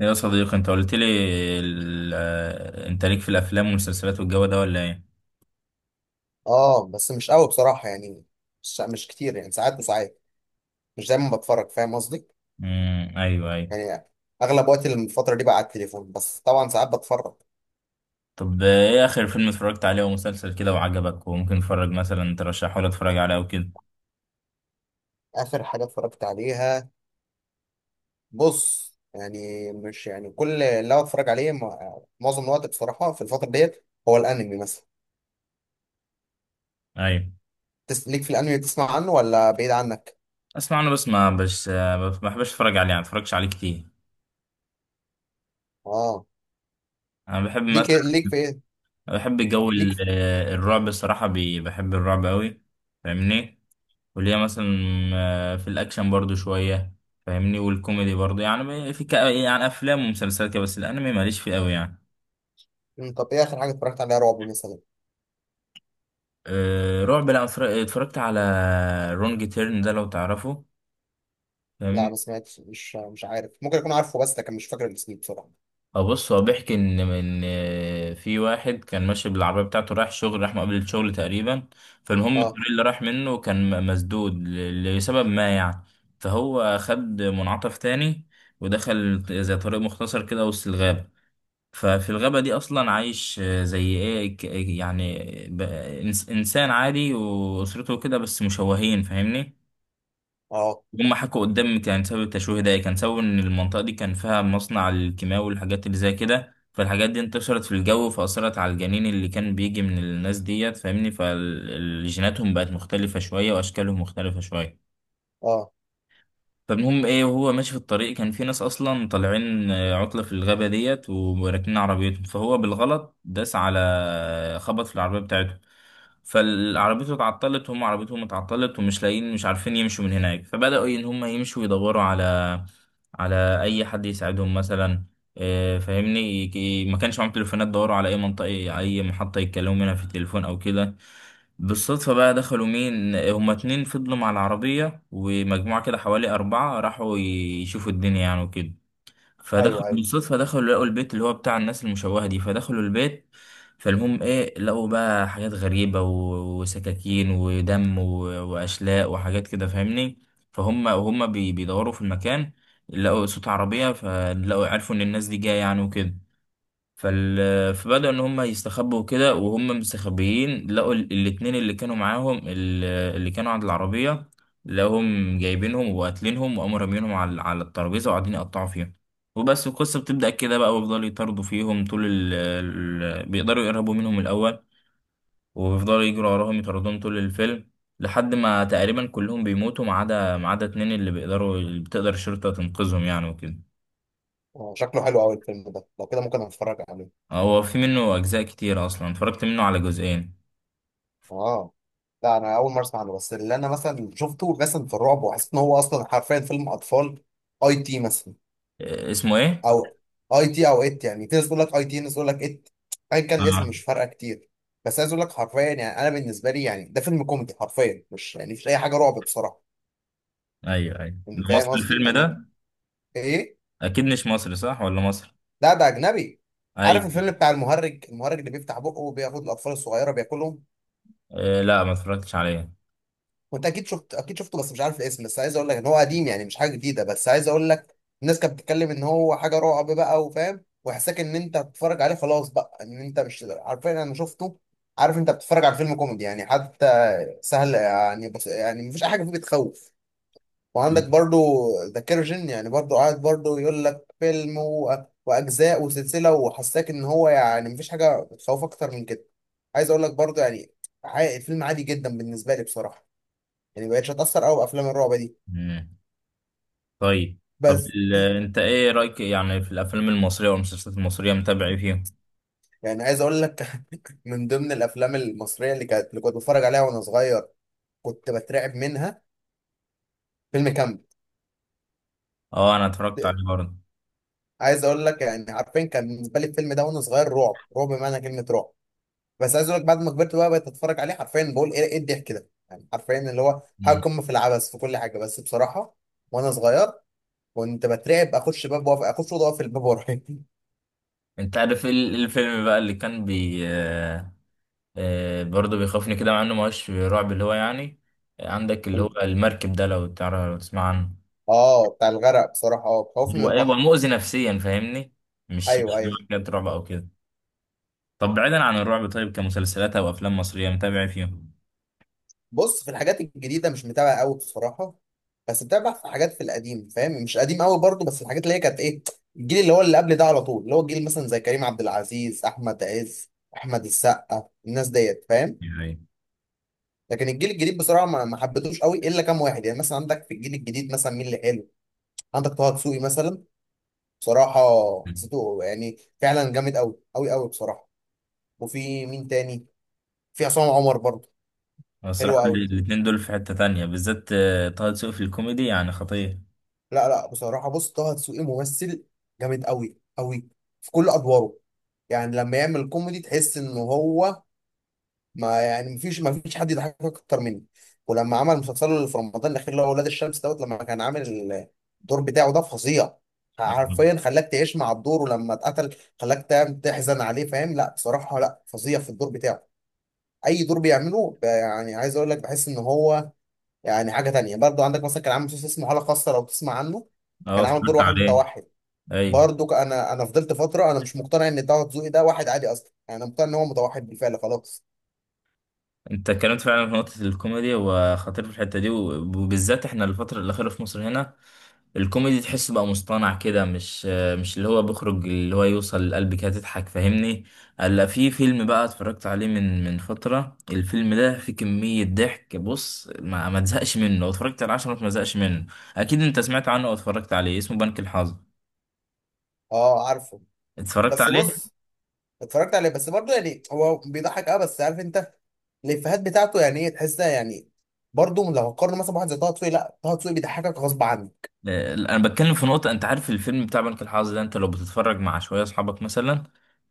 يا صديقي، انت قلت لي انت ليك في الافلام والمسلسلات والجو ده ولا ايه؟ اه، بس مش قوي بصراحة يعني، مش كتير يعني، ساعات وساعات، مش دايما بتفرج فاهم قصدي؟ ايوه، ايوه. يعني اغلب وقت الفترة دي بقى على التليفون، بس طبعا ساعات بتفرج. طب، ايه اخر فيلم اتفرجت عليه ومسلسل كده وعجبك وممكن اتفرج مثلا ترشحه لي اتفرج عليه وكده؟ اخر حاجة اتفرجت عليها، بص يعني مش يعني كل اللي أنا بتفرج عليه، معظم الوقت بصراحة في الفترة ديت هو الانمي مثلا. ايوه. ليك في الانمي، تسمع عنه ولا بعيد عنك؟ اسمع، انا بس ما بش آه، ما بحبش اتفرج عليه يعني، ما اتفرجش عليه كتير. اه. انا بحب ليك إيه، مثلا، ليك في ايه؟ بحب جو ليك في... الرعب، الصراحه بحب الرعب قوي. فاهمني؟ وليها مثلا في الاكشن برضو شويه، فاهمني، والكوميدي برضو، يعني في يعني افلام ومسلسلات كده، بس الانمي ماليش فيه قوي يعني. طب ايه اخر حاجة اتفرجت عليها رعب مثلا؟ أه رعب، لا اتفرجت على رونج تيرن، ده لو تعرفه. لا، ما فاهمني؟ سمعتش، مش عارف، ممكن اكون عارفه بس لكن مش فاكر الاسم بصراحة. أه، بص، هو بيحكي ان في واحد كان ماشي بالعربيه بتاعته رايح شغل، راح مقابل الشغل تقريبا. فالمهم اه. الطريق اللي راح منه كان مسدود لسبب ما يعني. فهو خد منعطف تاني ودخل زي طريق مختصر كده وسط الغابه. ففي الغابة دي أصلا عايش زي إيه، يعني ب- إنسان عادي وأسرته كده، بس مشوهين، فاهمني؟ اه. هم حكوا قدامي كان سبب التشويه ده إيه؟ كان سبب إن المنطقة دي كان فيها مصنع الكيماوي والحاجات اللي زي كده، فالحاجات دي انتشرت في الجو فأثرت على الجنين اللي كان بيجي من الناس ديت، فاهمني، فالجيناتهم بقت مختلفة شوية وأشكالهم مختلفة شوية. اه. فالمهم ايه، وهو ماشي في الطريق، كان في ناس اصلا طالعين عطلة في الغابة ديت وراكنين عربيتهم، فهو بالغلط داس على خبط في العربية بتاعتهم. فالعربيته اتعطلت، وهم عربيتهم اتعطلت، ومش لاقيين، مش عارفين يمشوا من هناك، فبدأوا ان هم يمشوا يدوروا على على اي حد يساعدهم مثلا، فاهمني، ما كانش معاهم تليفونات، دوروا على اي منطقة، اي محطة يتكلموا منها في التليفون او كده. بالصدفة بقى دخلوا، مين هما؟ اتنين فضلوا مع العربية ومجموعة كده حوالي أربعة راحوا يشوفوا الدنيا يعني وكده. ايوه، فدخلوا ايوه. بالصدفة، دخلوا لقوا البيت اللي هو بتاع الناس المشوهة دي، فدخلوا البيت. فالمهم ايه، لقوا بقى حاجات غريبة و- وسكاكين ودم و- وأشلاء وحاجات كده، فاهمني. فهم، وهم بيدوروا في المكان، لقوا صوت عربية، فلقوا، عرفوا إن الناس دي جاية يعني وكده. فال... فبدأوا إن هم يستخبوا كده، وهم مستخبيين لقوا الاتنين اللي كانوا معاهم، اللي كانوا عند العربية، لقوهم جايبينهم وقاتلينهم وقاموا رامينهم على على الترابيزة وقاعدين يقطعوا فيها. وبس القصة بتبدأ كده بقى، ويفضلوا يطاردوا فيهم طول بيقدروا يقربوا منهم الأول، ويفضلوا يجروا وراهم يطاردوهم طول الفيلم لحد ما تقريبا كلهم بيموتوا، ما عدا، ما عدا اتنين اللي بيقدروا، اللي بتقدر الشرطة تنقذهم يعني وكده. آه. شكله حلو قوي الفيلم ده، لو كده ممكن اتفرج عليه. هو في منه أجزاء كتير أصلا، اتفرجت منه على جزئين. اه. لا، انا اول مره اسمع عنه. بس اللي انا مثلا شفته مثلا في الرعب وحسيت ان هو اصلا حرفيا فيلم اطفال، اي تي مثلا. اسمه ايه؟ او اي تي او ات، يعني في ناس تقول لك اي تي، ناس تقول لك ات. ايا كان الاسم اه، مش فارقه كتير. بس عايز اقول لك حرفيا يعني، انا بالنسبه لي يعني ده فيلم كوميدي حرفيا، مش يعني مش اي حاجه رعب بصراحه. ايوه، ايوه، ده يعني فاهم مصر قصدي؟ الفيلم يعني ده. ايه. اكيد مش مصري، صح ولا مصر؟ لا، ده اجنبي. عارف ايوه. الفيلم بتاع المهرج، المهرج اللي بيفتح بقه وبياخد الاطفال الصغيره بياكلهم؟ آه، لا، ما اتفرجتش عليه. وانت اكيد شفته، بس مش عارف الاسم. بس عايز اقول لك ان هو قديم يعني، مش حاجه جديده. بس عايز اقول لك، الناس كانت بتتكلم ان هو حاجه رعب بقى، وفاهم وحساك ان انت بتتفرج عليه خلاص بقى، ان انت مش عارفين. انا شفته، عارف انت بتتفرج على فيلم كوميدي يعني، حتى سهل يعني، بس يعني مفيش اي حاجه فيه بتخوف. وعندك برضو ذا كيرجن، يعني برضو قاعد برضو يقول لك واجزاء وسلسله، وحساك ان هو يعني مفيش حاجه بتخوف اكتر من كده. عايز اقول لك برضو يعني، الفيلم عادي جدا بالنسبه لي بصراحه. يعني بقتش اتاثر قوي بافلام الرعب دي. مم. طيب. طب بس انت ايه رايك يعني في الافلام المصريه والمسلسلات المصريه، متابع ايه فيهم؟ يعني عايز اقول لك من ضمن الافلام المصريه اللي كنت بتفرج عليها وانا صغير، كنت بترعب منها، فيلم كامب. اه، انا اتفرجت عليه برضه. عايز اقول لك يعني، عارفين كان بالنسبه لي الفيلم ده وانا صغير، رعب رعب بمعنى كلمه رعب. بس عايز اقول لك بعد ما كبرت بقى، بقيت اتفرج عليه حرفيا، بقول ايه الضحك ده يعني، حرفيا اللي هو حاجه مم. قمه في العبث في كل حاجه بس بصراحه. وانا صغير كنت بترعب، اخش باب واقف، اخش اوضه واقف الباب ورايا انت عارف الفيلم بقى اللي كان بي آه، آه برضه بيخوفني كده، مع انه ما هوش رعب، اللي هو يعني عندك اللي هو المركب ده، لو تعرف لو تسمع عنه. اه، بتاع الغرق بصراحه، اه خوفني من هو ايه؟ هو البحر. مؤذي نفسيا، فاهمني؟ مش ايوه، ايوه. حاجات رعب او كده. طب بعيدا عن الرعب، طيب كمسلسلات او افلام مصريه متابع فيهم؟ بص، في الحاجات الجديدة مش متابع قوي بصراحة. بس متابع في حاجات في القديم فاهم، مش قديم قوي برضه، بس الحاجات اللي هي كانت ايه. الجيل اللي هو اللي قبل ده على طول، اللي هو الجيل مثلا زي كريم عبد العزيز، أحمد عز، أحمد السقا، الناس ديت فاهم. يعني لكن الجيل الجديد بصراحة ما حبيتهوش قوي إلا كام واحد. يعني مثلا عندك في الجيل الجديد مثلا مين اللي حلو؟ عندك طه دسوقي مثلا، بصراحة حسيته يعني فعلا جامد قوي قوي قوي بصراحة. وفي مين تاني؟ في عصام عمر برضه. أنا حلو الصراحه قوي. الاتنين دول في حته تانية بالذات، طه دسوقي في الكوميدي يعني خطير. لا، لا، بصراحة بص، طه دسوقي ممثل جامد قوي قوي في كل أدواره. يعني لما يعمل كوميدي تحس إن هو ما، يعني مفيش حد يضحكك أكتر منه. ولما عمل مسلسله اللي في رمضان الأخير، اللي هو ولاد الشمس دوت، لما كان عامل الدور بتاعه ده فظيع، اه، حرفيا خلاك تعيش مع الدور، ولما اتقتل خلاك تحزن عليه فاهم. لا بصراحة، لا فظيع في الدور بتاعه. أي دور بيعمله يعني عايز أقول لك بحس إن هو، يعني حاجة تانية برضو. عندك مثلا كان عامل مسلسل اسمه حالة خاصة لو تسمع عنه، كان عامل دور اتفرجت واحد عليه. متوحد. اي. برضو انا فضلت فترة انا مش مقتنع ان طه دسوقي ده واحد عادي اصلا، يعني انا مقتنع ان هو متوحد بالفعل خلاص. انت اتكلمت فعلا في نقطه الكوميدي، وخطير في الحته دي، وبالذات احنا الفتره الاخيره في مصر هنا الكوميدي تحسه بقى مصطنع كده، مش اللي هو بيخرج، اللي هو يوصل لقلبك كده تضحك، فاهمني. الا في فيلم بقى اتفرجت عليه من فترة، الفيلم ده فيه كمية ضحك، بص ما تزهقش منه، لو اتفرجت على عشرة ما تزهقش منه. اكيد انت سمعت عنه واتفرجت عليه، اسمه بنك الحظ. اه عارفه. اتفرجت بس عليه؟ بص، اتفرجت عليه بس برضو يعني هو بيضحك، اه، بس عارف انت الافيهات بتاعته يعني ايه، تحسها يعني. برضو لو هقارن مثلا بواحد زي طه دسوقي، لا، طه دسوقي بيضحكك غصب عنه. انا بتكلم في نقطة، انت عارف الفيلم بتاع بنك الحظ ده، انت لو بتتفرج مع شوية اصحابك مثلا،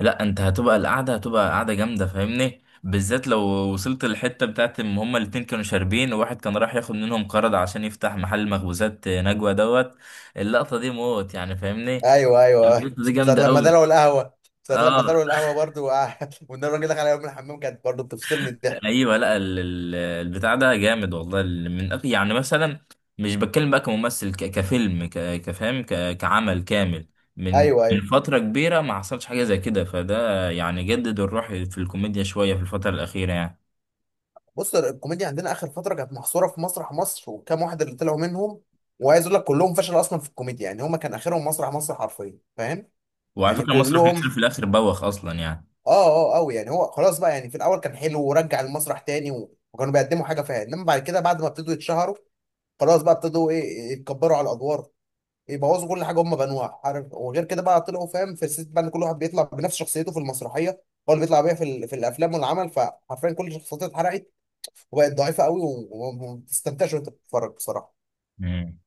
لا انت هتبقى، القعدة هتبقى قعدة جامدة، فاهمني، بالذات لو وصلت للحتة بتاعت ان هما الاتنين كانوا شاربين، وواحد كان راح ياخد منهم قرض عشان يفتح محل مخبوزات نجوى دوت، اللقطة دي موت يعني، فاهمني. ايوه، ايوه، ايوه، اللقطة دي صار جامدة لما قوي. دلعوا القهوة. صار لما اه. دلعوا القهوة برضو وان الراجل دخل عليهم من الحمام كانت برضو بتفصلني الضحك. ايوه، لا، البتاع ده جامد والله، من يعني مثلا مش بتكلم بقى كممثل، كفيلم، كفهم، كعمل كامل، من ايوه، من ايوه. فتره كبيره ما حصلش حاجه زي كده. فده يعني جدد الروح في الكوميديا شويه في الفتره الاخيره يعني. بص، الكوميديا عندنا اخر فتره كانت محصوره في مسرح مصر وكام واحد اللي طلعوا منهم. وعايز اقول لك كلهم فشلوا اصلا في الكوميديا يعني، هما كان اخرهم مسرح مصر حرفيا فاهم. وعلى يعني فكره، مسرح مصر كلهم. في الاخر بوخ اصلا يعني. اه. اه قوي يعني، هو خلاص بقى يعني، في الاول كان حلو ورجع المسرح تاني، وكانوا بيقدموا حاجه فيها، انما بعد كده بعد ما ابتدوا يتشهروا، خلاص بقى ابتدوا ايه، يتكبروا على الادوار، يبوظوا كل حاجه هم بنوها عارف. وغير كده بقى طلعوا فاهم في الست بقى، إن كل واحد بيطلع بنفس شخصيته في المسرحيه، هو اللي بيطلع بيها في الافلام والعمل، فحرفيا كل شخصيته اتحرقت، وبقت ضعيفه قوي، وما بتستمتعش وانت بتتفرج بصراحه. مم.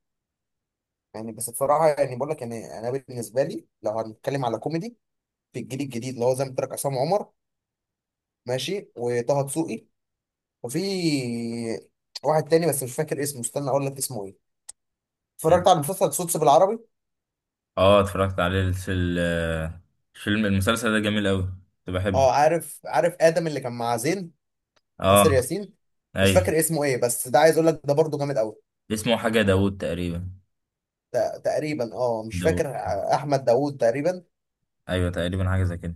يعني بس بصراحه يعني بقول لك يعني، انا بالنسبه لي لو هنتكلم على كوميدي في الجيل الجديد، اللي هو زي ما قلت لك، عصام عمر ماشي، وطه دسوقي، وفي واحد تاني بس مش فاكر اسمه، استنى اقول لك اسمه ايه. اتفرجت على مسلسل صوتس بالعربي. اه، اتفرجت عليه في الفيلم، المسلسل ده جميل قوي، كنت بحبه. اه. عارف ادم اللي كان مع زين، اه. ناصر ياسين. مش ايوه، فاكر اسمه ايه، بس ده عايز اقول لك ده برضه جامد قوي. اسمه حاجه داوود تقريبا. تقريبا، اه مش داوود. فاكر، احمد داوود تقريبا. ايوه، تقريبا حاجه زي كده.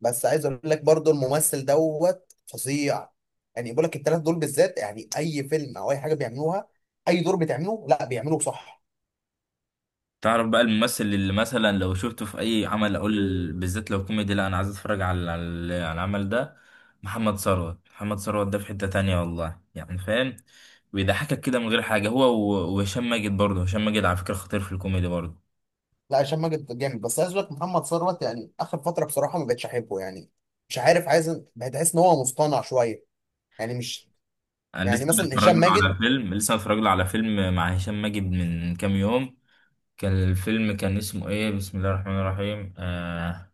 بس عايز اقول لك برضو الممثل دوت فظيع. يعني بقول لك الثلاث دول بالذات، يعني اي فيلم او اي حاجه بيعملوها، اي دور بيتعمله لا بيعملوه صح. تعرف بقى الممثل اللي مثلا لو شفته في اي عمل اقول، بالذات لو كوميدي، لا انا عايز اتفرج على على العمل ده. محمد ثروت، محمد ثروت ده في حتة تانية والله يعني، فاهم، بيضحكك كده من غير حاجة، هو و- وهشام ماجد برضه. هشام ماجد على فكرة خطير في الكوميدي برضه. لا، هشام ماجد جامد، بس عايز اقول لك محمد ثروت يعني اخر فتره بصراحه ما بقتش احبه يعني. مش عارف عايز، بتحس ان هو مصطنع شويه، يعني مش، انا يعني لسه مثلا متفرج هشام له على ماجد. فيلم، لسه متفرج له على فيلم مع هشام ماجد من كام يوم، كان الفيلم، كان اسمه ايه بسم الله الرحمن الرحيم؟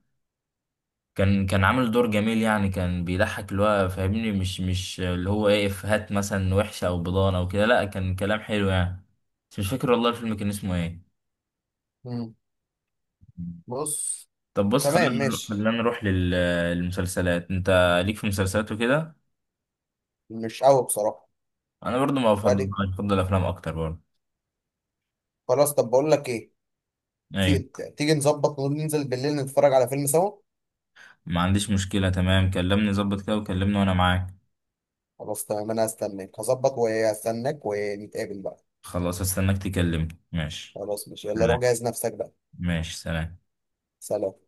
كان، كان عامل دور جميل يعني، كان بيضحك اللي هو، فاهمني، مش اللي هو ايه افيهات مثلا وحشة او بضانة او كده، لا كان كلام حلو يعني، بس مش فاكر والله الفيلم كان اسمه ايه. مم. بص. طب بص، خلينا تمام ماشي. نروح للمسلسلات. انت ليك في مسلسلات وكده؟ مش قوي بصراحه. انا برضو ما بفضل بعد. بفضل افلام اكتر برضو. خلاص طب بقول لك ايه، في، ايوه. تيجي نظبط وننزل بالليل نتفرج على فيلم سوا. ما عنديش مشكلة، تمام، كلمني ظبط كده وكلمني وانا معاك. خلاص تمام، انا هستناك، هظبط وهستناك ونتقابل بقى. خلاص، استناك تكلمني، ماشي. خلاص ماشي، يلا روح تمام. جهز نفسك بقى. ماشي، سلام. سلام.